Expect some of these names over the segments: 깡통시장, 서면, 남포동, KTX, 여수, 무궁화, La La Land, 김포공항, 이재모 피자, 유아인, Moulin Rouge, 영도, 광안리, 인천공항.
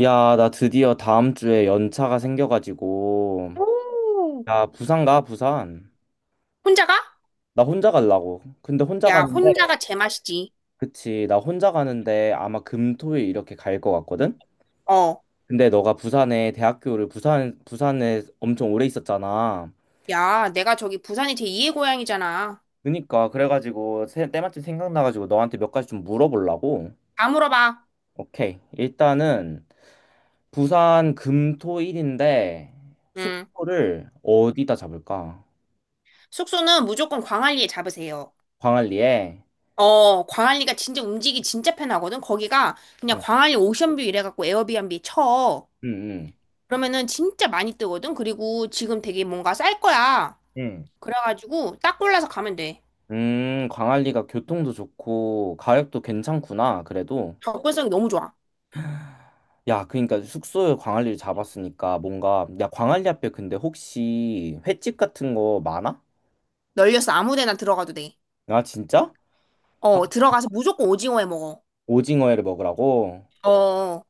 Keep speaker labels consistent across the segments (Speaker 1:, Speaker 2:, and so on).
Speaker 1: 야, 나 드디어 다음 주에 연차가 생겨가지고,
Speaker 2: 오,
Speaker 1: 야, 부산 가, 부산.
Speaker 2: 혼자가?
Speaker 1: 나 혼자 가려고. 근데 혼자
Speaker 2: 야,
Speaker 1: 가는데,
Speaker 2: 혼자가 제맛이지.
Speaker 1: 그치, 나 혼자 가는데 아마 금, 토, 일 이렇게 갈 것 같거든?
Speaker 2: 어,
Speaker 1: 근데 너가 부산에, 대학교를 부산, 부산에 엄청 오래 있었잖아.
Speaker 2: 야, 내가 저기 부산이 제2의 고향이잖아.
Speaker 1: 그니까, 그래가지고, 때마침 생각나가지고 너한테 몇 가지 좀 물어보려고.
Speaker 2: 다 물어봐.
Speaker 1: 오케이. 일단은, 부산 금, 토, 일인데,
Speaker 2: 음,
Speaker 1: 숙소를 어디다 잡을까?
Speaker 2: 숙소는 무조건 광안리에 잡으세요.
Speaker 1: 광안리에?
Speaker 2: 어, 광안리가 진짜 움직이기 진짜 편하거든. 거기가 그냥
Speaker 1: 응,
Speaker 2: 광안리 오션뷰 이래갖고 에어비앤비 쳐.
Speaker 1: 응. 응.
Speaker 2: 그러면은 진짜 많이 뜨거든. 그리고 지금 되게 뭔가 쌀 거야.
Speaker 1: 응.
Speaker 2: 그래가지고 딱 골라서 가면 돼.
Speaker 1: 광안리가 교통도 좋고 가격도 괜찮구나. 그래도
Speaker 2: 접근성이 너무 좋아.
Speaker 1: 야, 그러니까 숙소에 광안리를 잡았으니까 뭔가 야, 광안리 앞에 근데 혹시 횟집 같은 거 많아?
Speaker 2: 널려서 아무 데나 들어가도 돼.
Speaker 1: 아, 진짜? 아,
Speaker 2: 어, 들어가서 무조건 오징어 해 먹어.
Speaker 1: 오징어회를 먹으라고?
Speaker 2: 어.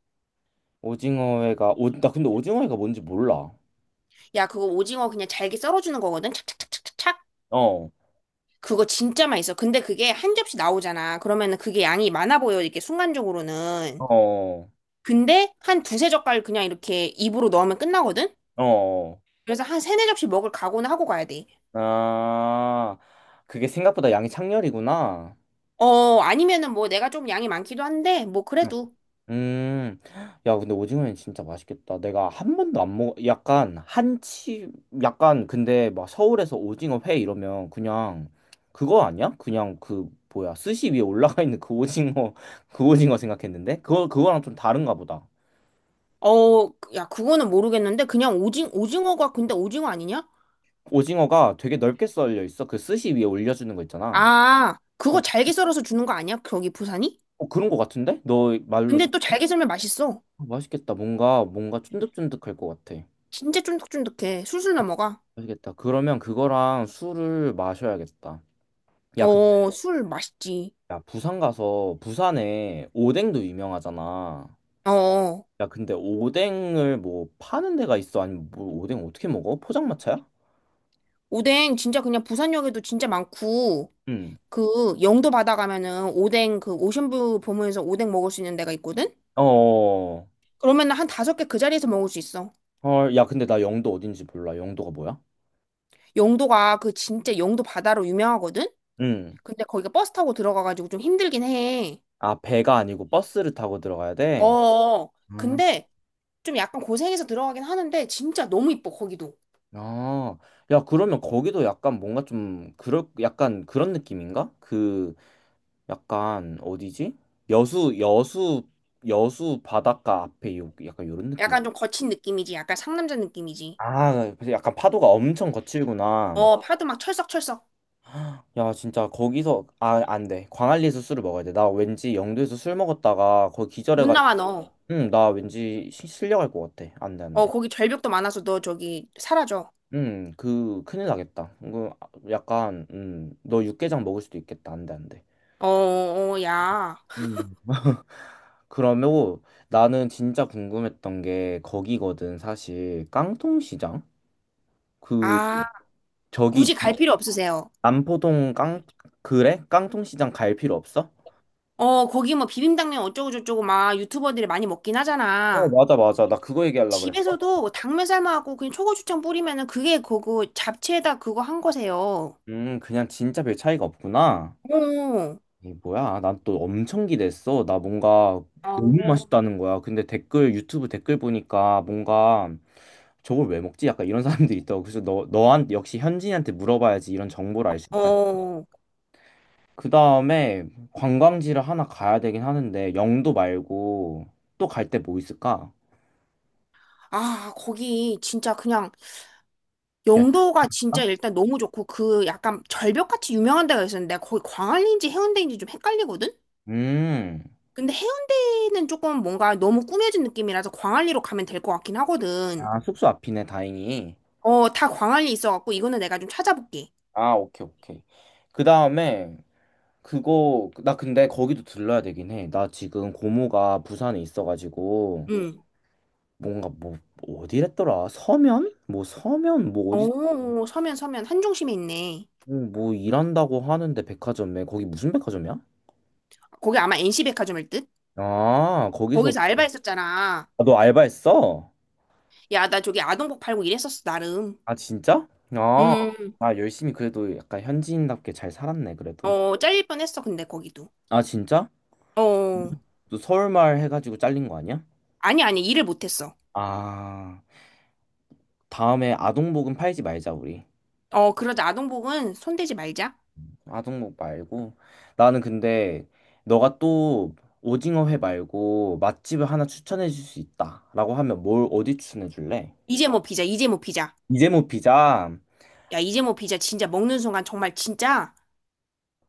Speaker 1: 오징어회가 오, 나 근데 오징어회가 뭔지 몰라.
Speaker 2: 야, 그거 오징어 그냥 잘게 썰어주는 거거든? 착착착착착.
Speaker 1: 어.
Speaker 2: 그거 진짜 맛있어. 근데 그게 한 접시 나오잖아. 그러면은 그게 양이 많아 보여, 이렇게 순간적으로는.
Speaker 1: 어.
Speaker 2: 근데 한 두세 젓갈 그냥 이렇게 입으로 넣으면 끝나거든?
Speaker 1: 어. 어.
Speaker 2: 그래서 한 세네 접시 먹을 각오는 하고 가야 돼.
Speaker 1: 아, 그게 생각보다 양이 창렬이구나.
Speaker 2: 어, 아니면은 뭐 내가 좀 양이 많기도 한데, 뭐 그래도.
Speaker 1: 음, 야, 근데 오징어는 진짜 맛있겠다. 내가 한 번도 안 먹어, 약간 한치, 약간 근데 막 서울에서 오징어 회 이러면 그냥 그거 아니야? 그냥 그 뭐야, 스시 위에 올라가 있는 그 오징어, 그 오징어 생각했는데 그거 그거랑 좀 다른가 보다.
Speaker 2: 어, 야, 그거는 모르겠는데, 그냥 오징어가 근데 오징어 아니냐?
Speaker 1: 오징어가 되게 넓게 썰려 있어. 그 스시 위에 올려주는 거 있잖아.
Speaker 2: 아,
Speaker 1: 어,
Speaker 2: 그거 잘게 썰어서 주는 거 아니야? 거기 부산이?
Speaker 1: 어, 그런 거 같은데? 너 말로
Speaker 2: 근데 또 잘게 썰면 맛있어.
Speaker 1: 어, 맛있겠다. 뭔가 뭔가 쫀득쫀득할 것 같아.
Speaker 2: 진짜 쫀득쫀득해. 술술 넘어가.
Speaker 1: 맛있겠다. 그러면 그거랑 술을 마셔야겠다. 야,
Speaker 2: 어, 술 맛있지.
Speaker 1: 야, 부산 가서 부산에 오뎅도 유명하잖아.
Speaker 2: 어,
Speaker 1: 야, 근데 오뎅을 뭐 파는 데가 있어? 아니면 뭐 오뎅 어떻게 먹어? 포장마차야?
Speaker 2: 오뎅 진짜 그냥 부산역에도 진짜 많고,
Speaker 1: 응.
Speaker 2: 그 영도 바다 가면은 오뎅 그 오션뷰 보면서 오뎅 먹을 수 있는 데가 있거든?
Speaker 1: 어.
Speaker 2: 그러면 은 한 다섯 개 그 자리에서 먹을 수 있어.
Speaker 1: 헐, 야, 근데 나 영도 어딘지 몰라. 영도가 뭐야?
Speaker 2: 영도가 그 진짜 영도 바다로 유명하거든?
Speaker 1: 응.
Speaker 2: 근데 거기가 버스 타고 들어가가지고 좀 힘들긴 해.
Speaker 1: 아, 배가 아니고 버스를 타고 들어가야 돼?
Speaker 2: 어,
Speaker 1: 음.
Speaker 2: 근데 좀 약간 고생해서 들어가긴 하는데 진짜 너무 이뻐, 거기도.
Speaker 1: 아, 야, 그러면 거기도 약간 뭔가 좀, 그럴, 약간 그런 느낌인가? 그, 약간, 어디지? 여수, 여수, 여수 바닷가 앞에 요, 약간 요런 느낌.
Speaker 2: 약간 좀 거친 느낌이지. 약간 상남자 느낌이지.
Speaker 1: 아, 그래서 약간 파도가 엄청 거칠구나.
Speaker 2: 어, 파도 막 철썩철썩.
Speaker 1: 야, 진짜 거기서 아, 안 돼. 광안리에서 술을 먹어야 돼. 나 왠지 영도에서 술 먹었다가 거기
Speaker 2: 못
Speaker 1: 기절해가지고,
Speaker 2: 나와, 너.
Speaker 1: 응, 나 왠지 실려갈 것 같아. 안 돼, 안
Speaker 2: 어,
Speaker 1: 돼.
Speaker 2: 거기 절벽도 많아서 너 저기 사라져.
Speaker 1: 응, 그 큰일 나겠다. 그 약간, 너 육개장 먹을 수도 있겠다. 안 돼, 안 돼.
Speaker 2: 어, 어, 야.
Speaker 1: 음. 그러면 나는 진짜 궁금했던 게 거기거든, 사실. 깡통시장? 그
Speaker 2: 아,
Speaker 1: 저기
Speaker 2: 굳이 갈 필요 없으세요.
Speaker 1: 남포동 깡 그래? 깡통시장 갈 필요 없어?
Speaker 2: 어, 거기 뭐 비빔당면 어쩌고저쩌고 막 유튜버들이 많이 먹긴
Speaker 1: 어,
Speaker 2: 하잖아.
Speaker 1: 맞아, 맞아. 나 그거 얘기하려고 그랬어.
Speaker 2: 집에서도 뭐 당면 삶아갖고 그냥 초고추장 뿌리면은 그게 그거 잡채에다 그거 한 거세요.
Speaker 1: 그냥 진짜 별 차이가 없구나.
Speaker 2: 어,
Speaker 1: 이게 뭐야? 난 또 엄청 기대했어. 나 뭔가 너무
Speaker 2: 어.
Speaker 1: 맛있다는 거야. 근데 댓글, 유튜브 댓글 보니까 뭔가 저걸 왜 먹지? 약간 이런 사람들이 있다고. 그래서 너, 역시 현진이한테 물어봐야지 이런 정보를 알 수 있다.
Speaker 2: 어.
Speaker 1: 그 다음에 관광지를 하나 가야 되긴 하는데, 영도 말고 또 갈 때 뭐 있을까?
Speaker 2: 아, 거기 진짜 그냥
Speaker 1: 야,
Speaker 2: 영도가 진짜 일단 너무 좋고 그 약간 절벽같이 유명한 데가 있었는데 거기 광안리인지 해운대인지 좀 헷갈리거든?
Speaker 1: 음,
Speaker 2: 근데 해운대는 조금 뭔가 너무 꾸며진 느낌이라서 광안리로 가면 될 것 같긴 하거든.
Speaker 1: 아, 숙소 앞이네, 다행히.
Speaker 2: 어, 다 광안리 있어갖고 이거는 내가 좀 찾아볼게.
Speaker 1: 아, 오케이, 오케이. 그 다음에 그거 나 근데 거기도 들러야 되긴 해. 나 지금 고모가 부산에 있어가지고
Speaker 2: 응.
Speaker 1: 뭔가 뭐 뭐 어디랬더라? 서면? 뭐 서면 뭐 어디
Speaker 2: 어, 서면 한중심에 있네.
Speaker 1: 뭐, 일한다고 하는데 백화점에 거기 무슨 백화점이야?
Speaker 2: 거기 아마 NC백화점일 듯?
Speaker 1: 아, 거기서.
Speaker 2: 거기서 알바했었잖아.
Speaker 1: 아, 너 알바했어?
Speaker 2: 야, 나 저기 아동복 팔고 일했었어, 나름.
Speaker 1: 아, 진짜? 아,
Speaker 2: 음.
Speaker 1: 아 열심히 그래도 약간 현지인답게 잘 살았네 그래도.
Speaker 2: 어, 잘릴 뻔했어, 근데 거기도.
Speaker 1: 아, 진짜?
Speaker 2: 어.
Speaker 1: 너 서울말 해가지고 잘린 거 아니야?
Speaker 2: 아니, 아니, 일을 못했어.
Speaker 1: 아, 다음에 아동복은 팔지 말자 우리.
Speaker 2: 어, 그러자. 아동복은 손대지 말자.
Speaker 1: 아동목 말고 나는 근데 너가 또 오징어회 말고 맛집을 하나 추천해 줄 수 있다라고 하면 뭘 어디 추천해 줄래?
Speaker 2: 이제 뭐 피자, 이제 뭐 피자.
Speaker 1: 이재모 피자.
Speaker 2: 야, 이제 뭐 피자 진짜 먹는 순간 정말 진짜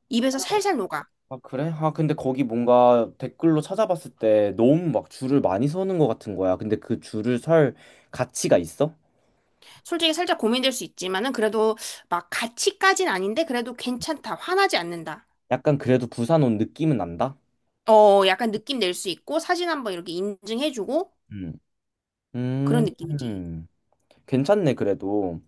Speaker 2: 입에서 살살 녹아.
Speaker 1: 아, 그래? 아 근데 거기 뭔가 댓글로 찾아봤을 때 너무 막 줄을 많이 서는 것 같은 거야. 근데 그 줄을 설 가치가 있어?
Speaker 2: 솔직히 살짝 고민될 수 있지만은 그래도 막 같이까진 아닌데 그래도 괜찮다. 화나지 않는다.
Speaker 1: 약간 그래도 부산 온 느낌은 난다.
Speaker 2: 어, 약간 느낌 낼 수 있고 사진 한번 이렇게 인증해주고
Speaker 1: 음.
Speaker 2: 그런
Speaker 1: 음.
Speaker 2: 느낌이지.
Speaker 1: 음. 괜찮네 그래도.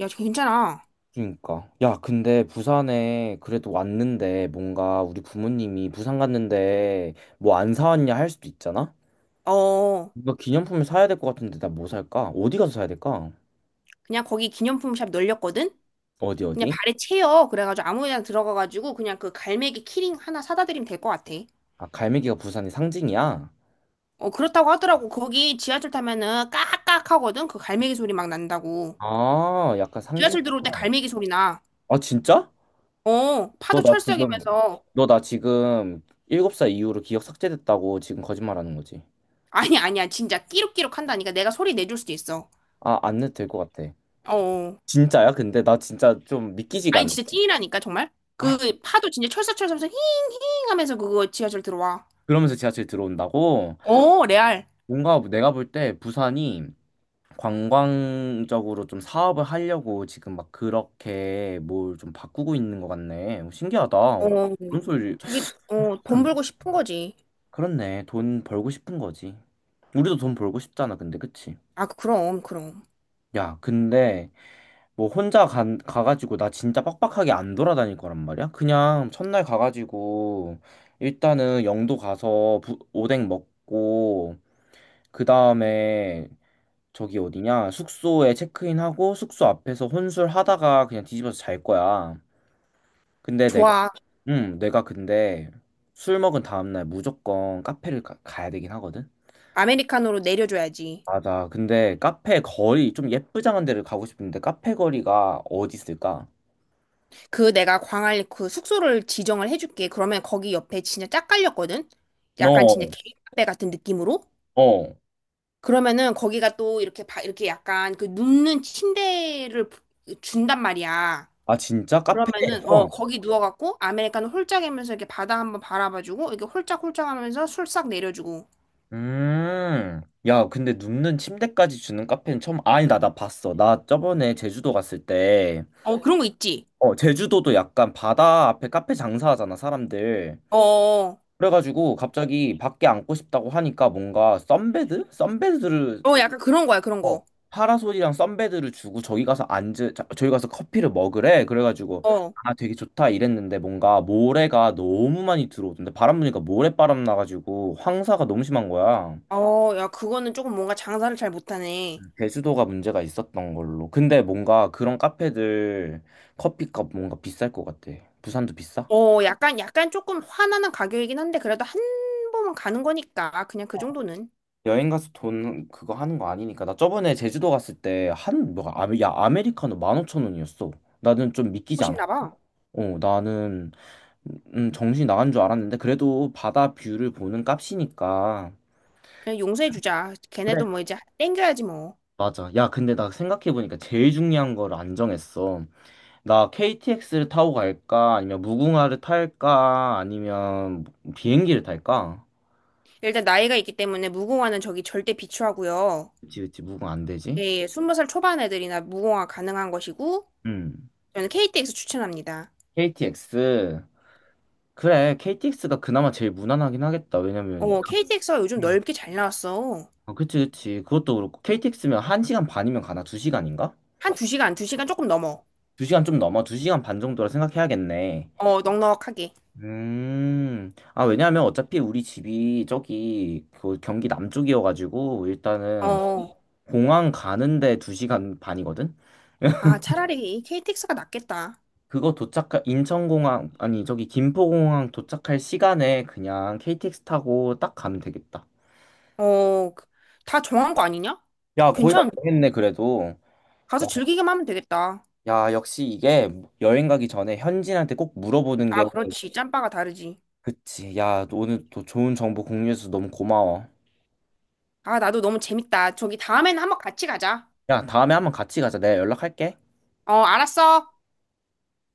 Speaker 2: 야, 저 괜찮아.
Speaker 1: 그러니까. 야, 근데 부산에 그래도 왔는데 뭔가 우리 부모님이 부산 갔는데 뭐 안 사왔냐 할 수도 있잖아?
Speaker 2: 어,
Speaker 1: 뭔가 기념품을 사야 될 것 같은데 나 뭐 살까? 어디 가서 사야 될까?
Speaker 2: 그냥 거기 기념품 샵 널렸거든?
Speaker 1: 어디
Speaker 2: 그냥
Speaker 1: 어디?
Speaker 2: 발에 채여. 그래가지고 아무 데나 들어가가지고 그냥 그 갈매기 키링 하나 사다 드리면 될 것 같아.
Speaker 1: 아, 갈매기가 부산의 상징이야?
Speaker 2: 어, 그렇다고 하더라고. 거기 지하철 타면은 깍깍 하거든? 그 갈매기 소리 막 난다고.
Speaker 1: 아, 약간
Speaker 2: 지하철 들어올 때
Speaker 1: 상징이구나.
Speaker 2: 갈매기 소리 나.
Speaker 1: 아, 진짜?
Speaker 2: 어,
Speaker 1: 너
Speaker 2: 파도
Speaker 1: 나 지금
Speaker 2: 철썩이면서.
Speaker 1: 너 나 지금 7살 이후로 기억 삭제됐다고 지금 거짓말하는 거지.
Speaker 2: 아니, 아니야. 진짜 끼룩끼룩 한다니까. 내가 소리 내줄 수도 있어.
Speaker 1: 아, 안 해도 될 것 같아.
Speaker 2: 어. 어.
Speaker 1: 진짜야? 근데 나 진짜 좀 믿기지가
Speaker 2: 아니,
Speaker 1: 않아.
Speaker 2: 진짜 찐이라니까, 정말. 그 파도 진짜 철썩철썩 힝힝 하면서 그거 지하철 들어와.
Speaker 1: 그러면서 지하철 들어온다고?
Speaker 2: 어, 레알.
Speaker 1: 뭔가 내가 볼 때 부산이 관광적으로 좀 사업을 하려고 지금 막 그렇게 뭘 좀 바꾸고 있는 것 같네. 어, 신기하다. 어,
Speaker 2: 어.
Speaker 1: 그런 소리.
Speaker 2: 저기, 어, 돈
Speaker 1: 안-
Speaker 2: 벌고 싶은 거지.
Speaker 1: 그렇네. 돈 벌고 싶은 거지. 우리도 돈 벌고 싶잖아. 근데 그치?
Speaker 2: 아, 그럼, 그럼.
Speaker 1: 야, 근데 뭐 혼자 가가지고 나 진짜 빡빡하게 안 돌아다닐 거란 말이야? 그냥 첫날 가가지고 일단은 영도 가서 오뎅 먹고 그 다음에 저기 어디냐? 숙소에 체크인하고 숙소 앞에서 혼술하다가 그냥 뒤집어서 잘 거야. 근데 내가,
Speaker 2: 좋아.
Speaker 1: 응, 내가 근데 술 먹은 다음날 무조건 카페를 가야 되긴 하거든?
Speaker 2: 아메리카노로 내려줘야지.
Speaker 1: 맞아. 근데 카페 거리, 좀 예쁘장한 데를 가고 싶은데 카페 거리가 어디 있을까?
Speaker 2: 그 내가 광안리 그 숙소를 지정을 해줄게. 그러면 거기 옆에 진짜 짝 깔렸거든? 약간 진짜
Speaker 1: 어,
Speaker 2: 개인 카페 같은 느낌으로?
Speaker 1: 어.
Speaker 2: 그러면은 거기가 또 이렇게 바, 이렇게 약간 그 눕는 침대를 부- 준단 말이야.
Speaker 1: 아, 진짜?
Speaker 2: 그러면은 어
Speaker 1: 카페에서?
Speaker 2: 거기 누워갖고 아메리카노 홀짝 이면서 이렇게 바다 한번 바라봐주고 이렇게 홀짝홀짝 하면서 술싹 내려주고
Speaker 1: 음. 야, 근데 눕는 침대까지 주는 카페는 처음, 아니, 나 봤어. 나 저번에 제주도 갔을 때
Speaker 2: 어 그런 거 있지.
Speaker 1: 어, 제주도도 약간 바다 앞에 카페 장사하잖아, 사람들.
Speaker 2: 어어.
Speaker 1: 그래가지고 갑자기 밖에 앉고 싶다고 하니까 뭔가 썬베드? 썬베드를,
Speaker 2: 어, 어, 약간 그런 거야 그런
Speaker 1: 어,
Speaker 2: 거.
Speaker 1: 파라솔이랑 썬베드를 주고 저기 가서 저기 가서 커피를 먹으래. 그래가지고,
Speaker 2: 어.
Speaker 1: 아, 되게 좋다 이랬는데 뭔가 모래가 너무 많이 들어오던데 바람 부니까 모래바람 나가지고 황사가 너무 심한 거야.
Speaker 2: 어, 야, 그거는 조금 뭔가 장사를 잘 못하네.
Speaker 1: 제주도가 문제가 있었던 걸로. 근데 뭔가 그런 카페들 커피값 뭔가 비쌀 것 같아. 부산도 비싸?
Speaker 2: 어, 약간 약간 조금 화나는 가격이긴 한데 그래도 한 번은 가는 거니까 그냥 그 정도는
Speaker 1: 여행 가서 돈 그거 하는 거 아니니까. 나 저번에 제주도 갔을 때 한, 뭐, 아메, 야, 아메리카노 15,000원이었어. 나는 좀 믿기지
Speaker 2: 하고
Speaker 1: 않아.
Speaker 2: 싶나 봐.
Speaker 1: 어, 나는, 정신 나간 줄 알았는데, 그래도 바다 뷰를 보는 값이니까.
Speaker 2: 그냥 용서해주자.
Speaker 1: 그래.
Speaker 2: 걔네도 뭐 이제 땡겨야지 뭐.
Speaker 1: 맞아. 야, 근데 나 생각해보니까 제일 중요한 걸 안 정했어. 나 KTX를 타고 갈까? 아니면 무궁화를 탈까? 아니면 비행기를 탈까?
Speaker 2: 일단 나이가 있기 때문에 무공화는 저기 절대 비추하고요.
Speaker 1: 그치, 그치, 무궁화 안 되지?
Speaker 2: 예, 20살 초반 애들이나 무공화 가능한 것이고
Speaker 1: 음.
Speaker 2: 저는 KTX 추천합니다.
Speaker 1: KTX. 그래, KTX가 그나마 제일 무난하긴 하겠다. 왜냐면,
Speaker 2: 어, KTX가 요즘
Speaker 1: 음.
Speaker 2: 넓게 잘 나왔어.
Speaker 1: 어, 그치, 그치. 그것도 그렇고, KTX면 1시간 반이면 가나? 2시간인가?
Speaker 2: 한 2시간, 2시간 조금 넘어.
Speaker 1: 2시간 좀 넘어. 2시간 반 정도라 생각해야겠네.
Speaker 2: 어, 넉넉하게.
Speaker 1: 아, 왜냐면 어차피 우리 집이 저기, 그 경기 남쪽이어가지고, 일단은,
Speaker 2: 어.
Speaker 1: 공항 가는데 2시간 반이거든?
Speaker 2: 아, 차라리 이 KTX가 낫겠다.
Speaker 1: 그거 도착할, 인천공항, 아니, 저기, 김포공항 도착할 시간에 그냥 KTX 타고 딱 가면 되겠다.
Speaker 2: 어, 그- 다 정한 거 아니냐?
Speaker 1: 야, 거의 다
Speaker 2: 괜찮.
Speaker 1: 정했네, 그래도.
Speaker 2: 가서 즐기기만 하면 되겠다.
Speaker 1: 야, 역시 이게 여행 가기 전에 현지인한테 꼭 물어보는
Speaker 2: 아,
Speaker 1: 게
Speaker 2: 그렇지. 짬바가 다르지.
Speaker 1: 그치. 야, 너 오늘 또 좋은 정보 공유해서 너무 고마워.
Speaker 2: 아, 나도 너무 재밌다. 저기 다음에는 한번 같이 가자.
Speaker 1: 야, 다음에 한번 같이 가자. 내가 연락할게.
Speaker 2: 어, 알았어.